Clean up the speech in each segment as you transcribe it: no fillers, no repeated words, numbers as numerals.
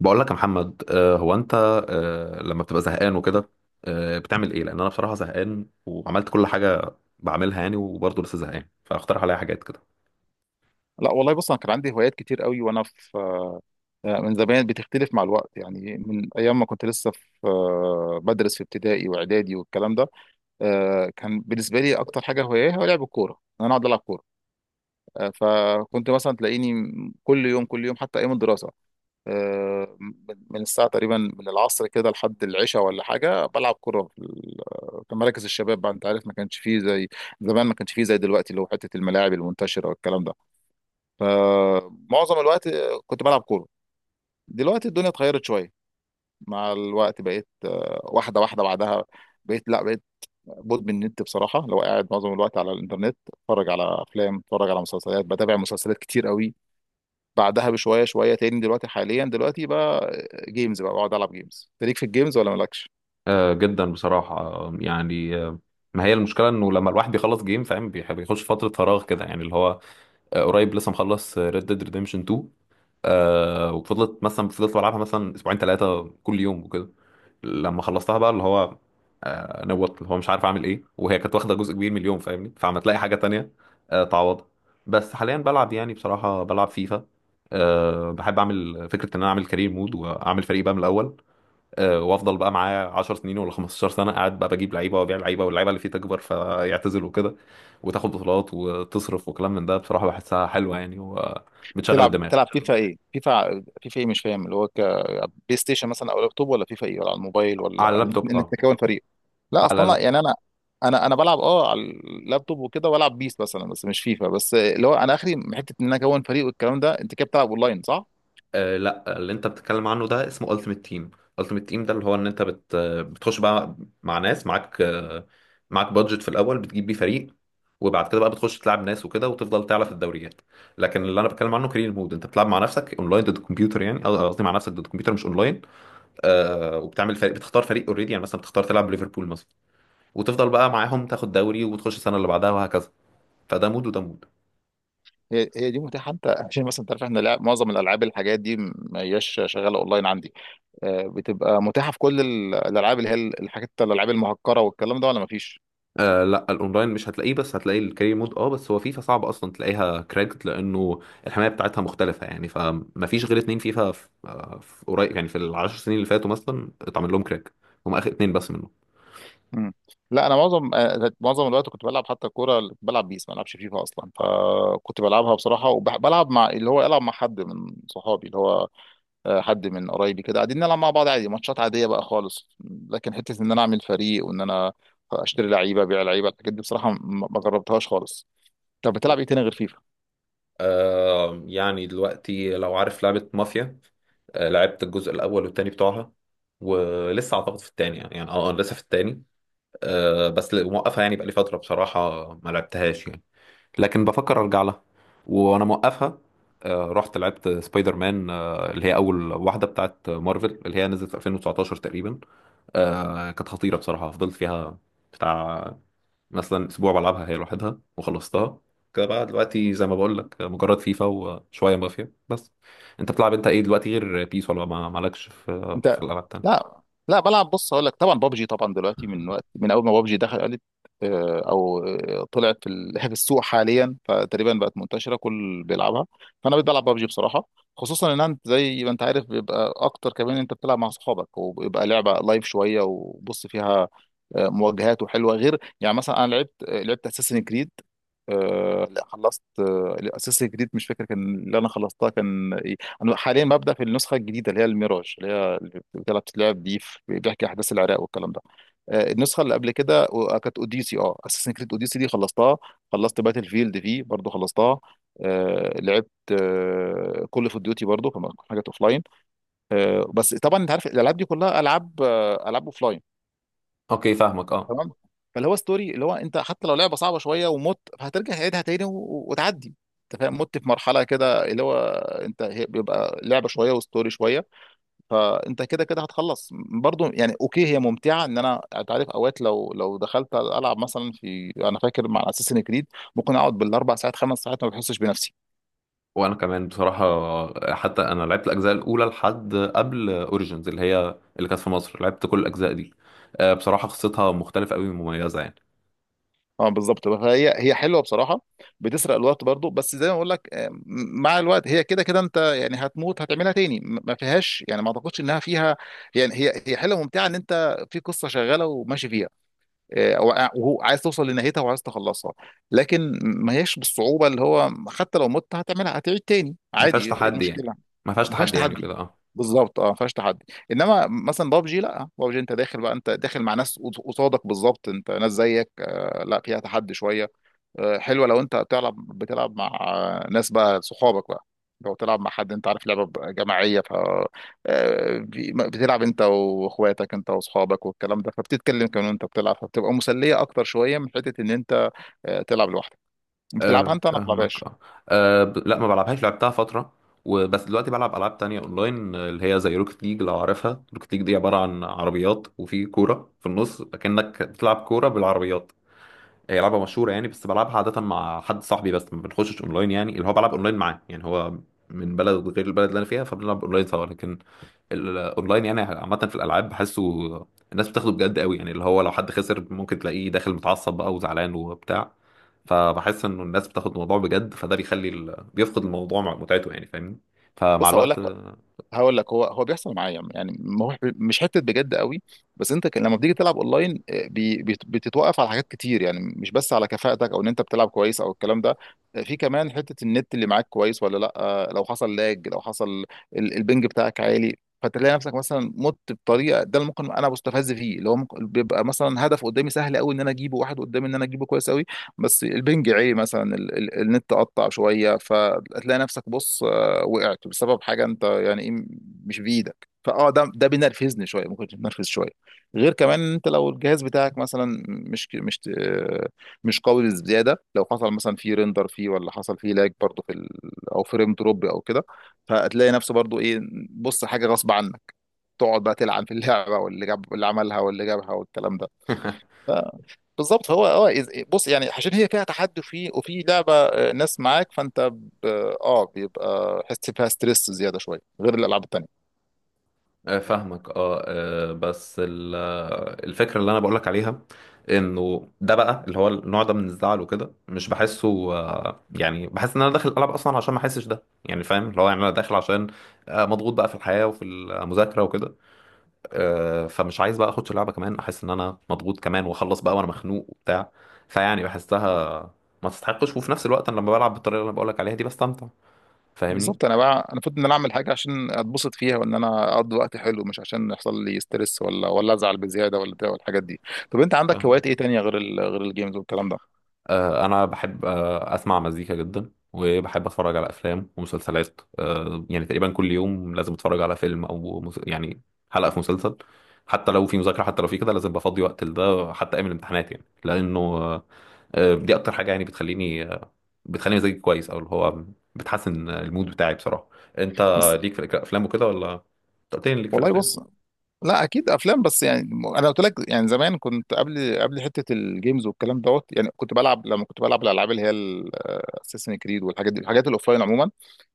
بقول لك يا محمد، هو انت لما بتبقى زهقان وكده بتعمل ايه، لان انا بصراحه زهقان وعملت كل حاجه بعملها يعني وبرضه لسه زهقان، فاقترح عليا حاجات كده. لا والله بص، انا كان عندي هوايات كتير قوي وانا في من زمان. بتختلف مع الوقت يعني، من ايام ما كنت لسه في بدرس في ابتدائي واعدادي والكلام ده. كان بالنسبه لي اكتر حاجه هوايه هو لعب الكوره، إن انا اقعد العب كوره. فكنت مثلا تلاقيني كل يوم كل يوم حتى ايام الدراسه، آه، من من الساعه تقريبا من العصر كده لحد العشاء ولا حاجه بلعب كوره في في مراكز الشباب بقى. انت عارف، ما كانش فيه زي زمان، ما كانش فيه زي دلوقتي، اللي هو حته الملاعب المنتشره والكلام ده. فمعظم الوقت كنت بلعب كورة. دلوقتي الدنيا اتغيرت شوية مع الوقت، بقيت واحدة واحدة. بعدها بقيت، لا، بقيت مدمن النت بصراحة. لو قاعد معظم الوقت على الإنترنت، اتفرج على أفلام، اتفرج على مسلسلات، بتابع مسلسلات كتير قوي. بعدها بشوية شوية تاني دلوقتي، حاليا دلوقتي بقى جيمز، بقى بقعد ألعب جيمز. أنت ليك في الجيمز ولا مالكش؟ جدا بصراحه، يعني، ما هي المشكله انه لما الواحد بيخلص جيم فاهم بيخش فتره فراغ كده يعني اللي هو قريب لسه مخلص ريد ديد ريديمشن 2. وفضلت مثلا فضلت بلعبها مثلا اسبوعين ثلاثه كل يوم وكده، لما خلصتها بقى اللي هو نوت اللي هو مش عارف اعمل ايه، وهي كانت واخده جزء كبير من اليوم فاهمني، فعم تلاقي حاجه تانية تعوضها. بس حاليا بلعب يعني بصراحه بلعب فيفا. بحب اعمل فكره ان انا اعمل كارير مود واعمل فريق بقى من الاول. وافضل بقى معايا 10 سنين ولا 15 سنه قاعد بقى بجيب لعيبه وابيع لعيبه واللعيبه اللي فيه تكبر فيعتزل وكده، وتاخد بطولات وتصرف وكلام من ده، بصراحه بحسها حلوه يعني وبتشغل تلعب الدماغ. تلعب فيفا ايه؟ فيفا ايه، مش فاهم، اللي هو كبلاي ستيشن مثلا او لابتوب، ولا فيفا ايه، ولا على الموبايل، على ولا انك اللابتوب إنك اه. تكون فريق؟ لا على اصلا، لا اللابتوب. يعني انا، انا بلعب على اللابتوب وكده، والعب بيس مثلا بس مش فيفا، بس اللي هو انا اخري من حته ان انا اكون فريق والكلام ده. انت كده بتلعب اونلاين، صح؟ لا، اللي انت بتتكلم عنه ده اسمه Ultimate Team. Ultimate Team ده اللي هو ان انت بتخش بقى مع ناس، معاك معاك بادجت في الاول بتجيب بيه فريق، وبعد كده بقى بتخش تلعب ناس وكده وتفضل تعلى في الدوريات. لكن اللي انا بتكلم عنه كارير مود، انت بتلعب مع نفسك اونلاين ضد الكمبيوتر يعني، قصدي مع نفسك ضد الكمبيوتر مش اونلاين. وبتعمل فريق، بتختار فريق اوريدي يعني مثلا بتختار تلعب ليفربول مثلا، وتفضل بقى معاهم تاخد دوري وتخش السنه اللي بعدها وهكذا. فده مود وده مود. هي هي دي متاحه؟ انت عشان مثلا تعرف، احنا لعب معظم الالعاب الحاجات دي ما هياش شغاله اونلاين عندي. بتبقى متاحه في كل الالعاب، اللي هي الحاجات، الالعاب المهكره والكلام ده، ولا ما فيش؟ لا، الاونلاين مش هتلاقيه بس هتلاقي الكارير مود، بس هو فيفا صعب اصلا تلاقيها كراكت لانه الحمايه بتاعتها مختلفه يعني، فما فيش غير اتنين فيفا في قريب يعني، في العشر سنين اللي فاتوا مثلا اتعمل لهم كراك، هم اخر اتنين بس منهم. مم. لا انا معظم الوقت كنت بلعب حتى الكوره، اللي كنت بلعب بيس، ما بلعبش فيفا اصلا، فكنت بلعبها بصراحه، وبلعب مع اللي هو، العب مع حد من صحابي، اللي هو حد من قرايبي كده، قاعدين نلعب مع بعض عادي، ماتشات عاديه بقى خالص. لكن حته ان انا اعمل فريق، وان انا اشتري لعيبه، ابيع لعيبه، الحاجات دي بصراحه ما جربتهاش خالص. طب بتلعب ايه تاني غير فيفا يعني دلوقتي لو عارف لعبة مافيا، لعبت الجزء الأول والتاني بتوعها، ولسه أعتقد في التاني يعني، أنا لسه في التاني. آه، بس ل- موقفها يعني بقالي فترة بصراحة ما لعبتهاش يعني، لكن بفكر ارجع لها وانا موقفها. رحت لعبت سبايدر مان، اللي هي اول واحده بتاعت مارفل، اللي هي نزلت في 2019 تقريبا. كانت خطيره بصراحه، فضلت فيها بتاع مثلا اسبوع بلعبها هي لوحدها وخلصتها. كده بقى دلوقتي زي ما بقول لك مجرد فيفا وشويه مافيا بس. انت بتلعب انت ايه دلوقتي غير بيس، ولا ما مالكش في انت؟ الالعاب التانية؟ لا، لا بلعب، بص هقول لك. طبعا بابجي، طبعا دلوقتي من وقت، من اول ما بابجي دخلت آه، او آه، طلعت في في السوق حاليا، فتقريبا بقت منتشره كل بيلعبها. فانا بقيت بلعب بابجي بصراحه. خصوصا ان انت زي ما انت عارف بيبقى اكتر، كمان انت بتلعب مع اصحابك وبيبقى لعبه لايف شويه، وبص فيها مواجهات وحلوه. غير يعني مثلا انا لعبت لعبت اساسن كريد. لا، خلصت اساسن كريد، مش فاكر كان اللي انا خلصتها كان ايه. انا حاليا ببدا في النسخه الجديده اللي هي الميراج، اللي بيحكي احداث العراق والكلام ده. النسخه اللي قبل كده كانت اوديسي، اه اساسن كريد اوديسي دي خلصتها. خلصت باتل فيلد دي برضو، خلصتها. لعبت كل اوف ديوتي برضو كمان، حاجات اوف لاين. بس طبعا انت عارف الالعاب دي كلها العاب العاب اوف لاين. اوكي فاهمك اه. تمام. فاللي هو ستوري، اللي هو انت حتى لو لعبه صعبه شويه ومت، هترجع تعيدها تاني وتعدي. انت فاهم؟ مت في مرحله كده، اللي هو بيبقى لعبه شويه وستوري شويه، فانت كده كده هتخلص برضو يعني. اوكي هي ممتعه، ان انا، انت عارف اوقات لو، لو دخلت العب مثلا في، انا فاكر مع اساسن كريد ممكن اقعد ب4 ساعات 5 ساعات ما بحسش بنفسي. وانا كمان بصراحه، حتى انا لعبت الاجزاء الاولى لحد قبل اوريجينز، اللي هي اللي كانت في مصر، لعبت كل الاجزاء دي. بصراحه قصتها مختلفه قوي ومميزه يعني. اه بالظبط، فهي هي حلوه بصراحه، بتسرق الوقت برضو. بس زي ما بقول لك، مع الوقت هي كده كده، انت يعني هتموت، هتعملها تاني، ما فيهاش يعني، ما اعتقدش انها فيها. يعني هي هي حلوه ممتعه، ان انت في قصه شغاله وماشي فيها، وهو عايز توصل لنهايتها وعايز تخلصها. لكن ما هياش بالصعوبه اللي هو، حتى لو مت هتعملها، هتعيد تاني ما عادي، فيهاش إيه تحدي يعني، المشكله؟ ما فيهاش ما فيهاش تحدي يعني تحدي، كده اه. بالظبط اه، ما فيهاش تحدي. انما مثلا بابجي، لا بابجي انت داخل بقى، انت داخل مع ناس قصادك بالظبط، انت ناس زيك، لا فيها تحدي شويه. حلوه لو انت بتلعب، بتلعب مع ناس بقى، صحابك بقى، لو تلعب مع حد، انت عارف لعبه جماعيه، بتلعب انت واخواتك، انت واصحابك والكلام ده، فبتتكلم كمان وانت بتلعب، فبتبقى مسليه اكتر شويه من حته ان انت تلعب لوحدك. بتلعبها انت؟ انا ما فاهمك بلعبهاش. اه. لا، ما بلعبهاش، لعبتها فتره وبس. دلوقتي بلعب العاب تانية اونلاين، اللي هي زي روكت ليج، لو عارفها. روكت ليج دي عباره عن عربيات وفي كوره في النص، كأنك بتلعب كوره بالعربيات. هي لعبة مشهورة يعني، بس بلعبها عادة مع حد صاحبي، بس ما بنخشش اونلاين يعني، اللي هو بلعب اونلاين معاه يعني، هو من بلد غير البلد اللي انا فيها، فبنلعب اونلاين سوا. لكن الاونلاين يعني عامة في الالعاب بحسه الناس بتاخده بجد قوي يعني، اللي هو لو حد خسر ممكن تلاقيه داخل متعصب بقى وزعلان وبتاع، فبحس انه الناس بتاخد الموضوع بجد، فده بيخلي بيفقد الموضوع متعته يعني فاهمني. فمع بص هقول لك، الوقت هقول لك، هو هو بيحصل معايا يعني، ما هو مش حته بجد قوي. بس انت لما بتيجي تلعب اونلاين بتتوقف على حاجات كتير، يعني مش بس على كفاءتك او ان انت بتلعب كويس او الكلام ده. في كمان حته النت اللي معاك كويس ولا لا. لو حصل لاج، لو حصل البنج بتاعك عالي، فتلاقي نفسك مثلا مت بطريقه ده، اللي ممكن انا بستفز فيه، اللي هو ممكن بيبقى مثلا هدف قدامي سهل قوي ان انا اجيبه، واحد قدامي ان انا اجيبه كويس قوي، بس البنج عالي مثلا، النت قطع شويه، فتلاقي نفسك بص وقعت بسبب حاجه انت يعني ايه، مش بايدك. فاه ده بينرفزني شويه، ممكن تنرفز شويه. غير كمان انت لو الجهاز بتاعك مثلا مش قوي بزياده، لو حصل مثلا فيه ريندر، فيه، ولا حصل فيه لاج برضه في او فريم دروب او كده، فهتلاقي نفسه برضه ايه، بص حاجه غصب عنك، تقعد بقى تلعن في اللعبه واللي جاب اللي عملها واللي جابها والكلام ده. بالظبط، هو اه بص يعني، عشان هي فيها تحدي وفي لعبه ناس معاك، فانت، ب- اه بيبقى حس فيها ستريس زياده شويه غير الالعاب التانيه. فاهمك اه. بس الفكره اللي انا بقولك عليها، انه ده بقى اللي هو النوع ده من الزعل وكده مش بحسه، يعني بحس ان انا داخل الالعاب اصلا عشان ما احسش ده، يعني فاهم، اللي هو يعني انا داخل عشان مضغوط بقى في الحياه وفي المذاكره وكده. فمش عايز بقى اخش اللعبه كمان احس ان انا مضغوط كمان واخلص بقى وانا مخنوق وبتاع، فيعني بحسها ما تستحقش. وفي نفس الوقت أنا لما بلعب بالطريقه اللي انا بقولك عليها دي بستمتع فاهمني. بالظبط، انا بقى، انا المفروض ان انا اعمل حاجه عشان اتبسط فيها، وان انا اقضي وقت حلو، مش عشان يحصل لي ستريس ولا ازعل بزياده ولا بتاع والحاجات دي. طب انت عندك فاهمك. هوايات ايه تانية غير غير الجيمز والكلام ده؟ انا بحب اسمع مزيكا جدا، وبحب اتفرج على افلام ومسلسلات، يعني تقريبا كل يوم لازم اتفرج على فيلم او يعني حلقه في مسلسل. حتى لو في مذاكره، حتى لو في كده، لازم بفضي وقت لده، حتى ايام الامتحانات يعني، لانه دي اكتر حاجه يعني بتخليني بتخليني مزاجي كويس، او اللي هو بتحسن المود بتاعي بصراحه. انت بس ليك في الافلام وكده ولا؟ أنت قلت لي إن ليك في والله الافلام. بص، لا اكيد افلام، بس يعني انا قلت لك يعني، زمان كنت قبل قبل حته الجيمز والكلام دوت، يعني كنت بلعب، لما كنت بلعب الالعاب اللي هي اساسن كريد والحاجات دي، الحاجات الاوفلاين عموما،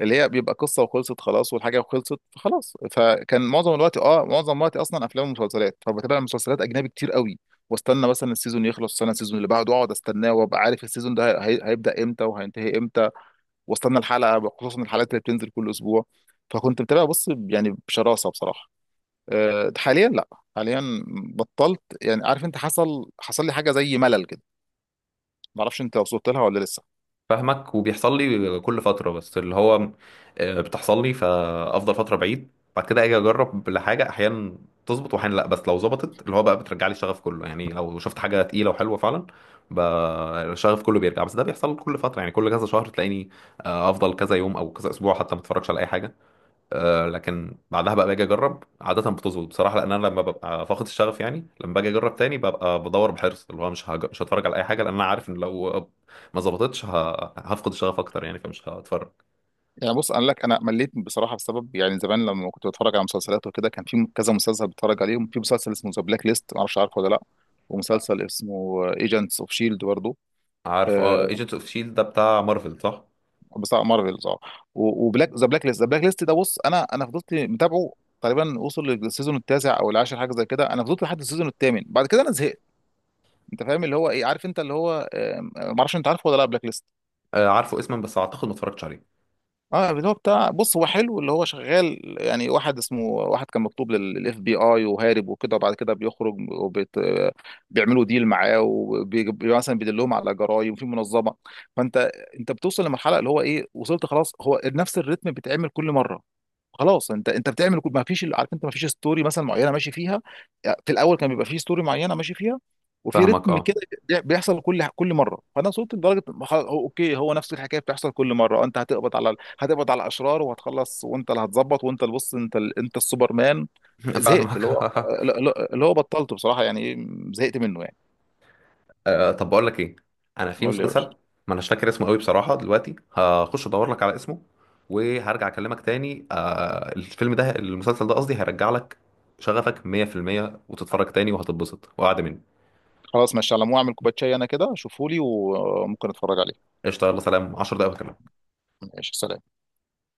اللي هي بيبقى قصه وخلصت خلاص، والحاجه خلصت فخلاص. فكان معظم الوقت اه، معظم وقتي اصلا افلام ومسلسلات، فبتابع مسلسلات اجنبي كتير قوي. واستنى مثلا السيزون يخلص، استنى السيزون اللي بعده، اقعد استناه، وابقى عارف السيزون ده هيبدا امتى وهينتهي امتى. واستنى الحلقه، خصوصا الحلقات اللي بتنزل كل اسبوع. فكنت متابع بص يعني بشراسه بصراحه. حاليا لا، حاليا بطلت يعني. عارف انت حصل لي حاجه زي ملل كده، ما اعرفش انت وصلت لها ولا لسه. فاهمك. وبيحصل لي كل فترة، بس اللي هو بتحصل لي، فأفضل فترة بعيد. بعد كده أجي أجرب لحاجة، أحيانا تظبط وأحيانا لأ، بس لو ظبطت اللي هو بقى بترجع لي الشغف كله يعني، لو شفت حاجة تقيلة وحلوة فعلا ب- الشغف كله بيرجع. بس ده بيحصل كل فترة يعني، كل كذا شهر تلاقيني أفضل كذا يوم أو كذا أسبوع حتى ما أتفرجش على أي حاجة. لكن بعدها بقى باجي اجرب، عاده بتظبط بصراحه، لان انا لما ببقى فاقد الشغف يعني، لما باجي اجرب تاني ببقى بدور بحرص، اللي هو مش هتفرج على اي حاجه، لان انا عارف ان لو ما ظبطتش هفقد الشغف اكتر يعني، فمش هتفرج. يعني بص انا لك، انا مليت بصراحه بسبب، يعني زمان لما كنت بتفرج على مسلسلات وكده كان في كذا مسلسل بتفرج عليهم، في مسلسل اسمه ذا بلاك ليست، ما اعرفش عارفه ولا لا، ومسلسل اسمه ايجنتس اوف شيلد برضه. عارفه اه، آه، ايجنت اوف شيلد ده بتاع مارفل صح؟ بتاع مارفلز اه. و- وبلاك ذا بلاك ليست ده، بص انا فضلت متابعه تقريبا، وصل للسيزون التاسع او العاشر حاجه زي كده، انا فضلت لحد السيزون الثامن، بعد كده انا زهقت. انت فاهم اللي هو ايه، عارف انت اللي هو، ما اعرفش انت عارفه ولا لا بلاك ليست؟ عارفه اسما، بس اعتقد ما اتفرجتش عليه. اه اللي هو بتاع، بص هو حلو، اللي هو شغال يعني، واحد اسمه، واحد كان مكتوب للاف بي اي وهارب وكده، وبعد كده بيخرج وبيت بيعملوا ديل معاه، ومثلا بيدلهم على جرايم في منظمه. فانت، انت بتوصل لمرحله اللي هو ايه، وصلت خلاص، هو نفس الريتم بيتعمل كل مره. خلاص انت بتعمل كل، ما فيش، عارف انت ما فيش ستوري مثلا معينه ماشي فيها. في الاول كان بيبقى في ستوري معينه ماشي فيها، وفي فاهمك رتم اه. كده بيحصل كل مره. فانا وصلت لدرجه خلاص، اوكي هو نفس الحكايه بتحصل كل مره، انت هتقبض على، هتقبض على الاشرار وهتخلص، وانت اللي هتظبط، وانت اللي بص، انت انت السوبرمان. زهقت فاهمك اللي هو، اللي هو بطلته بصراحه يعني، ايه، زهقت منه يعني. طب بقول لك ايه، انا في قول لي يا مسلسل باشا. ما اناش فاكر اسمه قوي بصراحه، دلوقتي هخش ادور لك على اسمه وهرجع اكلمك تاني. الفيلم ده، المسلسل ده قصدي، هيرجع لك شغفك 100% وتتفرج تاني وهتتبسط وقعد مني. خلاص ماشي، على مو اعمل كوبايه شاي انا كده، شوفولي وممكن اتفرج عليه. قشطه، يلا سلام، 10 دقايق وأكلمك. ماشي، سلام.